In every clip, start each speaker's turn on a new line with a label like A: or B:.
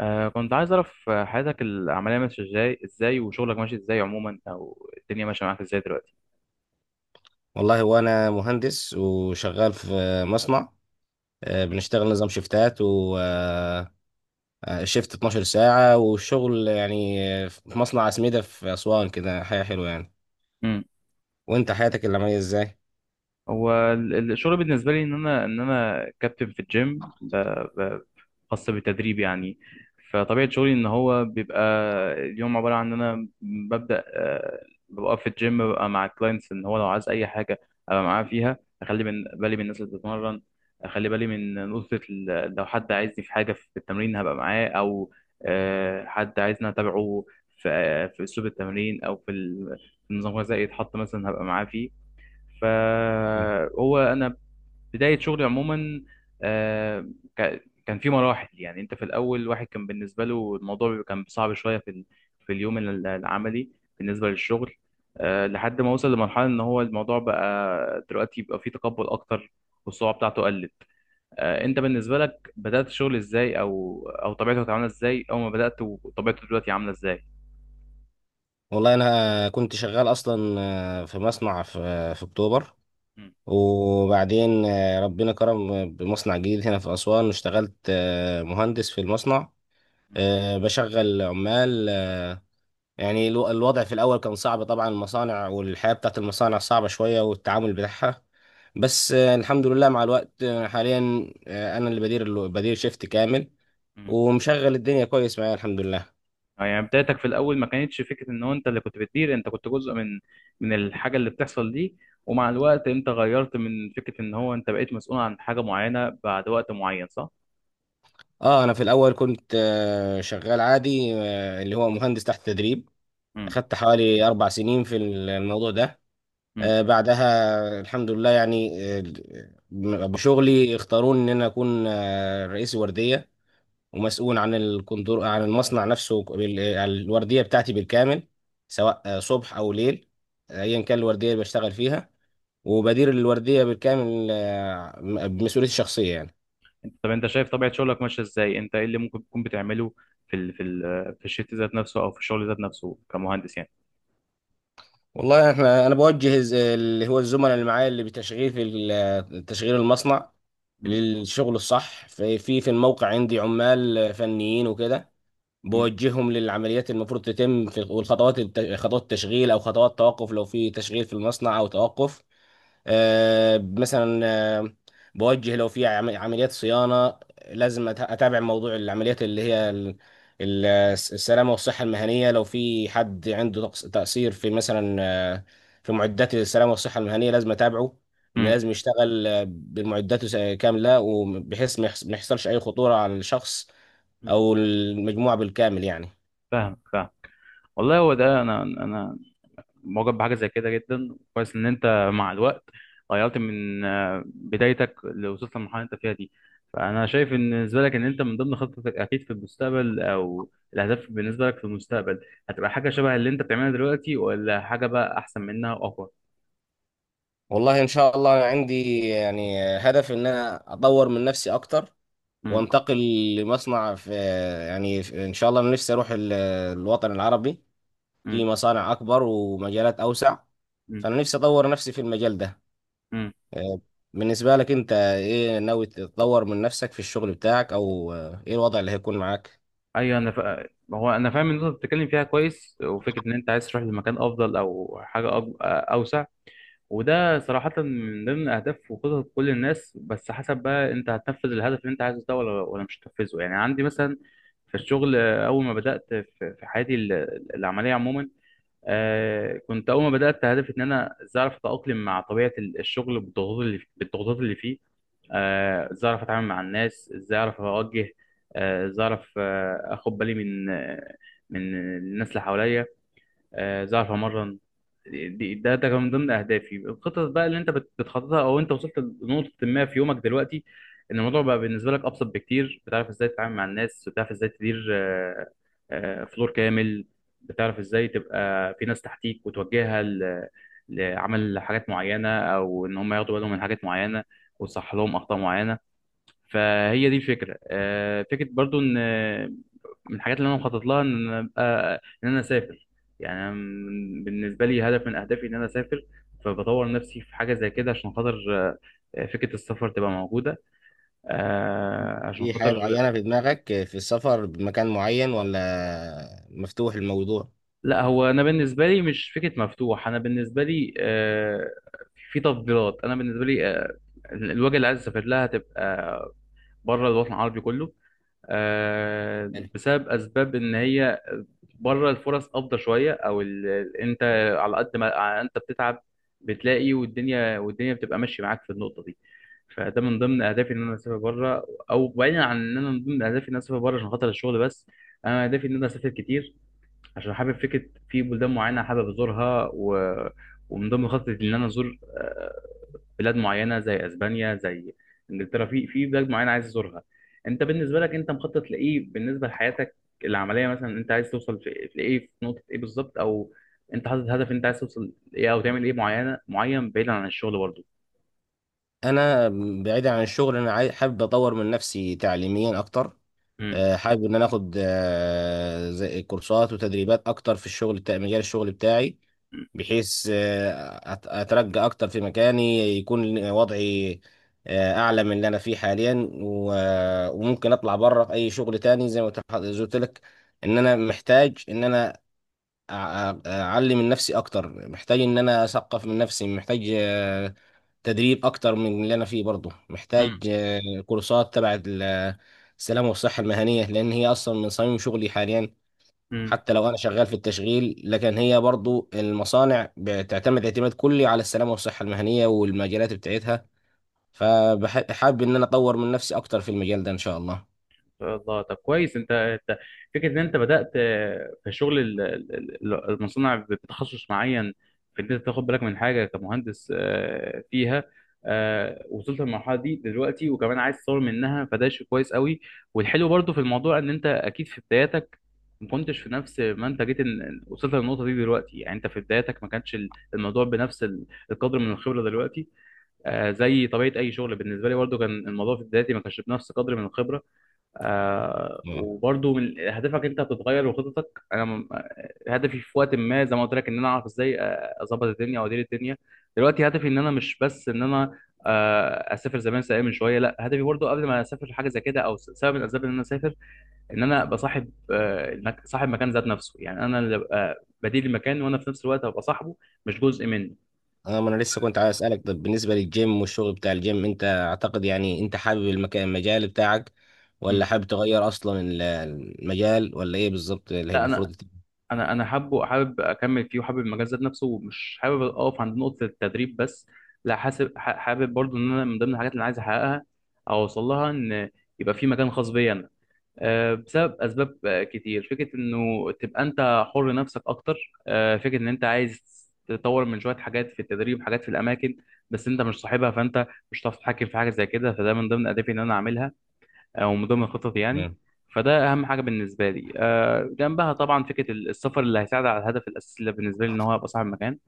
A: كنت عايز أعرف، حياتك العملية ماشية إزاي وشغلك ماشي إزاي عموما، أو الدنيا ماشية معاك إزاي دلوقتي؟
B: والله، هو انا مهندس وشغال في مصنع. بنشتغل نظام شيفتات و شيفت 12 ساعة، والشغل يعني، في مصنع عسميدة في أسوان، كده حياة حلوة يعني. وانت حياتك العملية ازاي؟
A: هو الشغل بالنسبه لي ان انا كابتن في الجيم، ب- خاص بالتدريب يعني. فطبيعه شغلي ان هو بيبقى اليوم عباره عن ان انا ببدا، ببقى في الجيم، ببقى مع الكلاينتس، ان هو لو عايز اي حاجه ابقى معاه فيها، اخلي من بالي من الناس اللي بتتمرن، اخلي بالي من نقطه لو حد عايزني في حاجه في التمرين هبقى معاه، او حد عايزني اتابعه في اسلوب التمرين، او في النظام الغذائي يتحط مثلا هبقى معاه فيه.
B: مم.
A: فهو انا بدايه شغلي عموما، آه، كان في مراحل. يعني انت في الاول، واحد كان بالنسبه له الموضوع كان صعب شويه في في اليوم العملي بالنسبه للشغل، لحد ما وصل لمرحله ان هو الموضوع بقى دلوقتي يبقى فيه تقبل اكتر، والصعوبه بتاعته قلت. انت بالنسبه لك بدات الشغل ازاي، او طبيعته كانت عامله ازاي اول ما بدات، وطبيعته دلوقتي عامله ازاي؟
B: والله انا كنت شغال اصلا في مصنع في اكتوبر.
A: مم.
B: وبعدين ربنا كرم بمصنع جديد هنا في أسوان، اشتغلت مهندس في المصنع، بشغل عمال. يعني، الوضع في الأول كان صعب طبعا، المصانع والحياة بتاعت المصانع صعبة شوية والتعامل بتاعها. بس الحمد لله مع الوقت، حاليا أنا اللي بدير بدير شيفت كامل،
A: مم.
B: ومشغل الدنيا كويس معايا، الحمد لله.
A: اه، يعني بدايتك في الاول ما كانتش فكره ان هو انت اللي كنت بتدير، انت كنت جزء من من الحاجه اللي بتحصل دي، ومع الوقت انت غيرت من فكره ان هو انت بقيت مسؤول عن حاجه معينه بعد وقت معين، صح؟
B: اه انا في الاول كنت شغال عادي، اللي هو مهندس تحت تدريب.
A: مم.
B: اخدت حوالي 4 سنين في الموضوع ده.
A: مم.
B: بعدها الحمد لله، يعني بشغلي اختاروني ان انا اكون رئيس وردية، ومسؤول عن الكندور، عن المصنع نفسه، الوردية بتاعتي بالكامل، سواء صبح أو ليل، أيا كان الوردية اللي بشتغل فيها. وبدير الوردية بالكامل، بمسؤوليتي الشخصية يعني.
A: طب انت شايف طبيعه شغلك ماشيه ازاي؟ انت ايه اللي ممكن تكون بتعمله في ال في ال في الشيت ذات نفسه، او في الشغل ذات نفسه، كمهندس يعني.
B: والله، انا بوجه اللي هو الزملاء اللي معايا، اللي بتشغيل تشغيل المصنع
A: مم.
B: للشغل الصح في الموقع. عندي عمال فنيين وكده،
A: مم.
B: بوجههم للعمليات المفروض تتم في، والخطوات خطوات التشغيل او خطوات توقف، لو في تشغيل في المصنع او توقف. آه، مثلا آه، بوجه لو في عمليات صيانة، لازم أتابع موضوع العمليات اللي هي ال- السلامة والصحة المهنية. لو في حد عنده تقصير في، مثلا في معدات السلامة والصحة المهنية، لازم أتابعه. إن
A: مم.
B: لازم يشتغل بمعداته كاملة، وبحيث ما يحصلش أي خطورة على الشخص
A: مم.
B: أو المجموعة بالكامل يعني.
A: فاهم فاهم. والله، هو ده انا معجب بحاجه زي كده جدا. كويس ان انت مع الوقت غيرت من بدايتك، اللي وصلت للمرحله اللي انت فيها دي. فانا شايف ان بالنسبه لك، ان انت من ضمن خطتك اكيد في المستقبل، او الاهداف بالنسبه لك في المستقبل، هتبقى حاجه شبه اللي انت بتعملها دلوقتي، ولا حاجه بقى احسن منها واقوى؟
B: والله، إن شاء الله، أنا عندي يعني هدف إن أنا أطور من نفسي أكتر،
A: امم.
B: وانتقل لمصنع في، يعني ان شاء الله انا نفسي اروح الوطن العربي، في
A: امم.
B: مصانع اكبر ومجالات اوسع.
A: امم.
B: فانا نفسي اطور نفسي في المجال ده.
A: امم.
B: آه، بالنسبة لك انت، ايه ناوي تطور من نفسك في الشغل بتاعك، او ايه الوضع اللي هيكون معاك؟
A: ايوه، انا هو انا فاهم ان انت بتتكلم فيها كويس، وفكره ان انت عايز تروح لمكان افضل، او حاجه اوسع. وده صراحة من ضمن أهداف وخطط كل الناس، بس حسب بقى أنت هتنفذ الهدف اللي أنت عايزه ده ولا مش هتنفذه. يعني عندي مثلا في الشغل، أول ما بدأت في حياتي العملية عموما، كنت أول ما بدأت هدفي إن أنا إزاي أعرف أتأقلم مع طبيعة الشغل بالضغوطات اللي فيه، إزاي أعرف أتعامل مع الناس، إزاي أعرف أوجه، إزاي أعرف أخد بالي من الناس اللي حواليا، ظهر اتمرن. ده كان من ضمن اهدافي، الخطط بقى اللي انت بتخططها، او انت وصلت لنقطه ما في يومك دلوقتي ان الموضوع بقى بالنسبه لك ابسط بكتير، بتعرف ازاي تتعامل مع الناس، بتعرف ازاي تدير فلور كامل، بتعرف ازاي تبقى في ناس تحتيك وتوجهها لعمل حاجات معينه، او ان هم ياخدوا بالهم من حاجات معينه، وتصحح لهم اخطاء معينه. فهي دي الفكره، فكره برضو ان من الحاجات اللي انا مخطط لها، ان انا اسافر. يعني أنا بالنسبه لي هدف من اهدافي ان انا اسافر، فبطور نفسي في حاجه زي كده عشان خاطر فكره السفر تبقى موجوده، آه، عشان
B: في حاجة
A: خاطر
B: معينة في دماغك في السفر، بمكان معين، ولا مفتوح الموضوع؟
A: لا، هو انا بالنسبه لي مش فكره مفتوح. انا بالنسبه لي في تفضيلات، انا بالنسبه لي الوجهه اللي عايز اسافر لها تبقى بره الوطن العربي كله،
B: حلو.
A: بسبب اسباب ان هي بره الفرص افضل شويه، او انت على قد ما انت بتتعب بتلاقي، والدنيا بتبقى ماشيه معاك في النقطه دي. فده من ضمن اهدافي ان انا اسافر بره، او بعيدا عن ان انا من ضمن اهدافي ان انا اسافر بره عشان خاطر الشغل بس، انا اهدافي ان انا اسافر كتير، عشان حابب فكره في بلدان معينه حابب ازورها. ومن ضمن خطتي ان انا ازور بلاد معينه، زي اسبانيا، زي انجلترا. في في بلاد معينه عايز ازورها. انت بالنسبه لك، انت مخطط لايه بالنسبه لحياتك العمليه مثلا؟ انت عايز توصل في في ايه، في نقطه ايه بالظبط، او انت حاطط هدف انت عايز توصل ايه او تعمل ايه معينه معين بعيدا عن الشغل برضه؟
B: انا بعيدا عن الشغل، انا حابب اطور من نفسي تعليميا اكتر. حابب ان انا اخد زي كورسات وتدريبات اكتر في الشغل بتاع، مجال الشغل بتاعي، بحيث اترقى اكتر في مكاني، يكون وضعي اعلى من اللي انا فيه حاليا، وممكن اطلع بره في اي شغل تاني، زي ما قلت لك ان انا محتاج، ان انا اعلم من نفسي اكتر، محتاج ان انا اثقف من نفسي، محتاج تدريب اكتر من اللي انا فيه برضه، محتاج كورسات تبع السلامه والصحه المهنيه، لان هي اصلا من صميم شغلي حاليا.
A: امم.
B: حتى لو انا شغال في التشغيل، لكن هي برضه المصانع بتعتمد اعتماد كلي على السلامه والصحه المهنيه والمجالات بتاعتها. فحابب ان انا اطور من نفسي اكتر في المجال ده، ان شاء الله.
A: شاء الله. طب كويس، انت فكره ان انت بدات في شغل المصنع، بتخصص معين، في ان انت تاخد بالك من حاجه كمهندس فيها، وصلت للمرحله دي دلوقتي، وكمان عايز تطور منها، فده شيء كويس قوي. والحلو برضو في الموضوع ان انت اكيد في بداياتك ما كنتش في نفس ما انت جيت إن وصلت للنقطه دي دلوقتي. يعني انت في بداياتك ما كانش الموضوع بنفس القدر من الخبره دلوقتي، زي طبيعه اي شغل بالنسبه لي، برضو كان الموضوع في بدايتي ما كانش بنفس قدر من الخبره.
B: نعم.
A: وبرضو من هدفك انت هتتغير وخططك، هدفي في وقت ما زي ما قلت لك ان انا اعرف ازاي اظبط الدنيا وادير الدنيا. دلوقتي هدفي ان انا مش بس ان انا اسافر زي ما انا سايق من شويه، لا، هدفي برضو قبل ما اسافر حاجه زي كده، او سبب من الاسباب ان انا اسافر ان انا ابقى صاحب، صاحب مكان ذات نفسه. يعني انا اللي ابقى بديل المكان، وانا في نفس الوقت ابقى صاحبه، مش جزء منه.
B: اه ما انا لسه كنت عايز اسالك، طب بالنسبه للجيم والشغل بتاع الجيم، انت اعتقد، يعني انت حابب المكان، المجال بتاعك،
A: م.
B: ولا حابب تغير اصلا المجال، ولا ايه بالظبط اللي هي
A: لا، انا
B: المفروض؟
A: انا انا حابب اكمل فيه، وحابب المجال ذات نفسه، ومش حابب اقف عند نقطه التدريب بس. لا، حابب برضو ان انا من ضمن الحاجات اللي انا عايز احققها، او اوصل لها، ان يبقى في مكان خاص بيا انا، بسبب اسباب كتير، فكره انه تبقى انت حر نفسك اكتر، فكره ان انت عايز تطور من شويه حاجات في التدريب، حاجات في الاماكن، بس انت مش صاحبها فانت مش هتعرف تتحكم في حاجه زي كده، فده من ضمن اهدافي ان انا اعملها، او من ضمن خططي يعني.
B: تمام.
A: فده اهم حاجه بالنسبه لي، جنبها طبعا فكره السفر اللي هيساعد على الهدف الاساسي اللي بالنسبه لي ان هو ابقى صاحب مكان.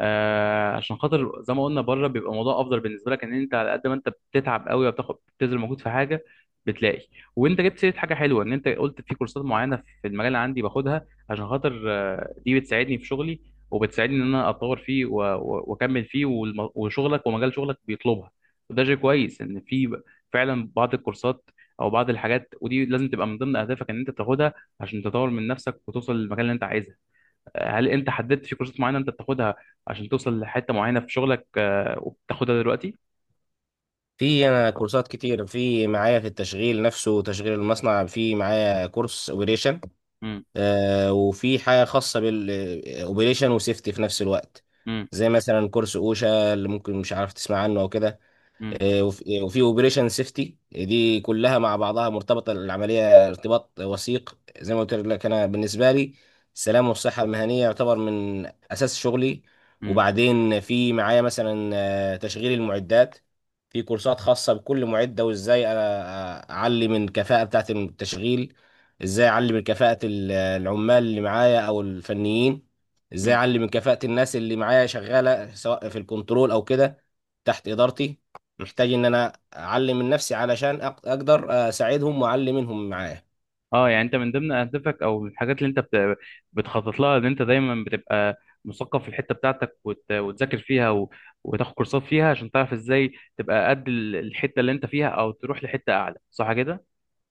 A: عشان خاطر زي ما قلنا، بره بيبقى الموضوع افضل بالنسبه لك، ان انت على قد ما انت بتتعب قوي وبتاخد بتبذل مجهود في حاجه بتلاقي. وانت جبت سيره حاجه حلوه ان انت قلت في كورسات معينه في المجال، اللي عندي باخدها عشان خاطر دي بتساعدني في شغلي، وبتساعدني ان انا اتطور فيه واكمل فيه، وشغلك ومجال شغلك بيطلبها. وده شيء كويس ان في، فعلا بعض الكورسات، او بعض الحاجات، ودي لازم تبقى من ضمن اهدافك ان انت تاخدها عشان تطور من نفسك وتوصل للمكان اللي انت عايزه. هل انت حددت في كورسات معينه انت بتاخدها عشان توصل لحته معينه في شغلك، وبتاخدها دلوقتي؟
B: في انا كورسات كتير، في معايا في التشغيل نفسه، تشغيل المصنع، في معايا كورس اوبريشن،
A: امم.
B: وفي حاجه خاصه بالاوبريشن وسيفتي في نفس الوقت،
A: امم.
B: زي مثلا كورس اوشا، اللي ممكن مش عارف تسمع عنه او كده.
A: امم.
B: وفي اوبريشن سيفتي، دي كلها مع بعضها مرتبطه العمليه ارتباط وثيق. زي ما قلت لك، انا بالنسبه لي، السلام والصحه المهنيه يعتبر من اساس شغلي.
A: امم.
B: وبعدين في معايا مثلا تشغيل المعدات، في كورسات خاصه بكل معده، وازاي اعلي من الكفاءه بتاعه التشغيل، ازاي اعلي من كفاءه العمال اللي معايا او الفنيين، ازاي
A: امم.
B: اعلي من كفاءه الناس اللي معايا شغاله، سواء في الكنترول او كده، تحت ادارتي. محتاج ان انا اعلم من نفسي، علشان اقدر اساعدهم، واعلم منهم معايا.
A: اه، يعني انت من ضمن اهدافك، او من الحاجات اللي انت بتخطط لها، ان انت دايما بتبقى مثقف في الحته بتاعتك، وتذاكر فيها، وتاخد كورسات فيها عشان تعرف ازاي تبقى قد الحته اللي انت فيها، او تروح لحته اعلى، صح كده؟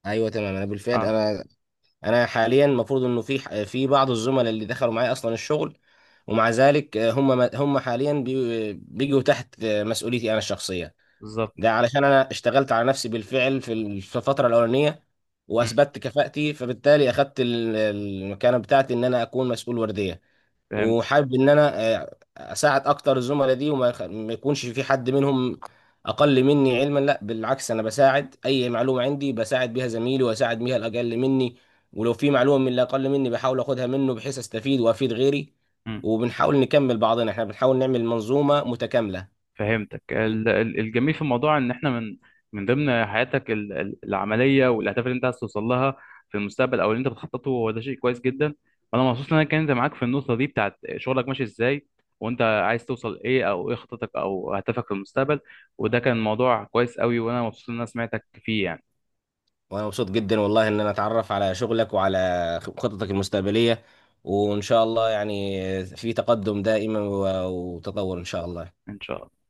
B: ايوه، تمام. انا بالفعل،
A: اه،
B: انا حاليا المفروض انه في في بعض الزملاء اللي دخلوا معايا اصلا الشغل، ومع ذلك هم هم حاليا بيجوا تحت مسؤوليتي انا الشخصيه.
A: بالظبط.
B: ده علشان انا اشتغلت على نفسي بالفعل في الفتره الاولانيه،
A: امم.
B: واثبتت كفاءتي، فبالتالي اخدت المكانه بتاعتي ان انا اكون مسؤول ورديه.
A: فهمت
B: وحابب ان انا اساعد اكتر الزملاء دي، ما يكونش في حد منهم اقل مني علما. لا، بالعكس، انا بساعد، اي معلومه عندي بساعد بيها زميلي، واساعد بيها الاقل مني. ولو في معلومه من اللي اقل مني، بحاول اخدها منه، بحيث استفيد وافيد غيري. وبنحاول نكمل بعضنا، احنا بنحاول نعمل منظومه متكامله.
A: فهمتك. الجميل في الموضوع ان احنا، من ضمن حياتك العمليه والاهداف اللي انت عايز توصل لها في المستقبل، او اللي انت بتخططه، هو ده شيء كويس جدا. وانا مبسوط ان انا اتكلمت معاك في النقطه دي بتاعت شغلك ماشي ازاي، وانت عايز توصل ايه، او ايه خطتك او هدفك في المستقبل، وده كان موضوع كويس قوي، وانا مبسوط ان انا سمعتك فيه يعني.
B: وانا مبسوط جدا والله، ان انا اتعرف على شغلك وعلى خططك المستقبلية. وان شاء الله يعني في تقدم دائما، وتطور ان شاء الله.
A: ان شاء الله.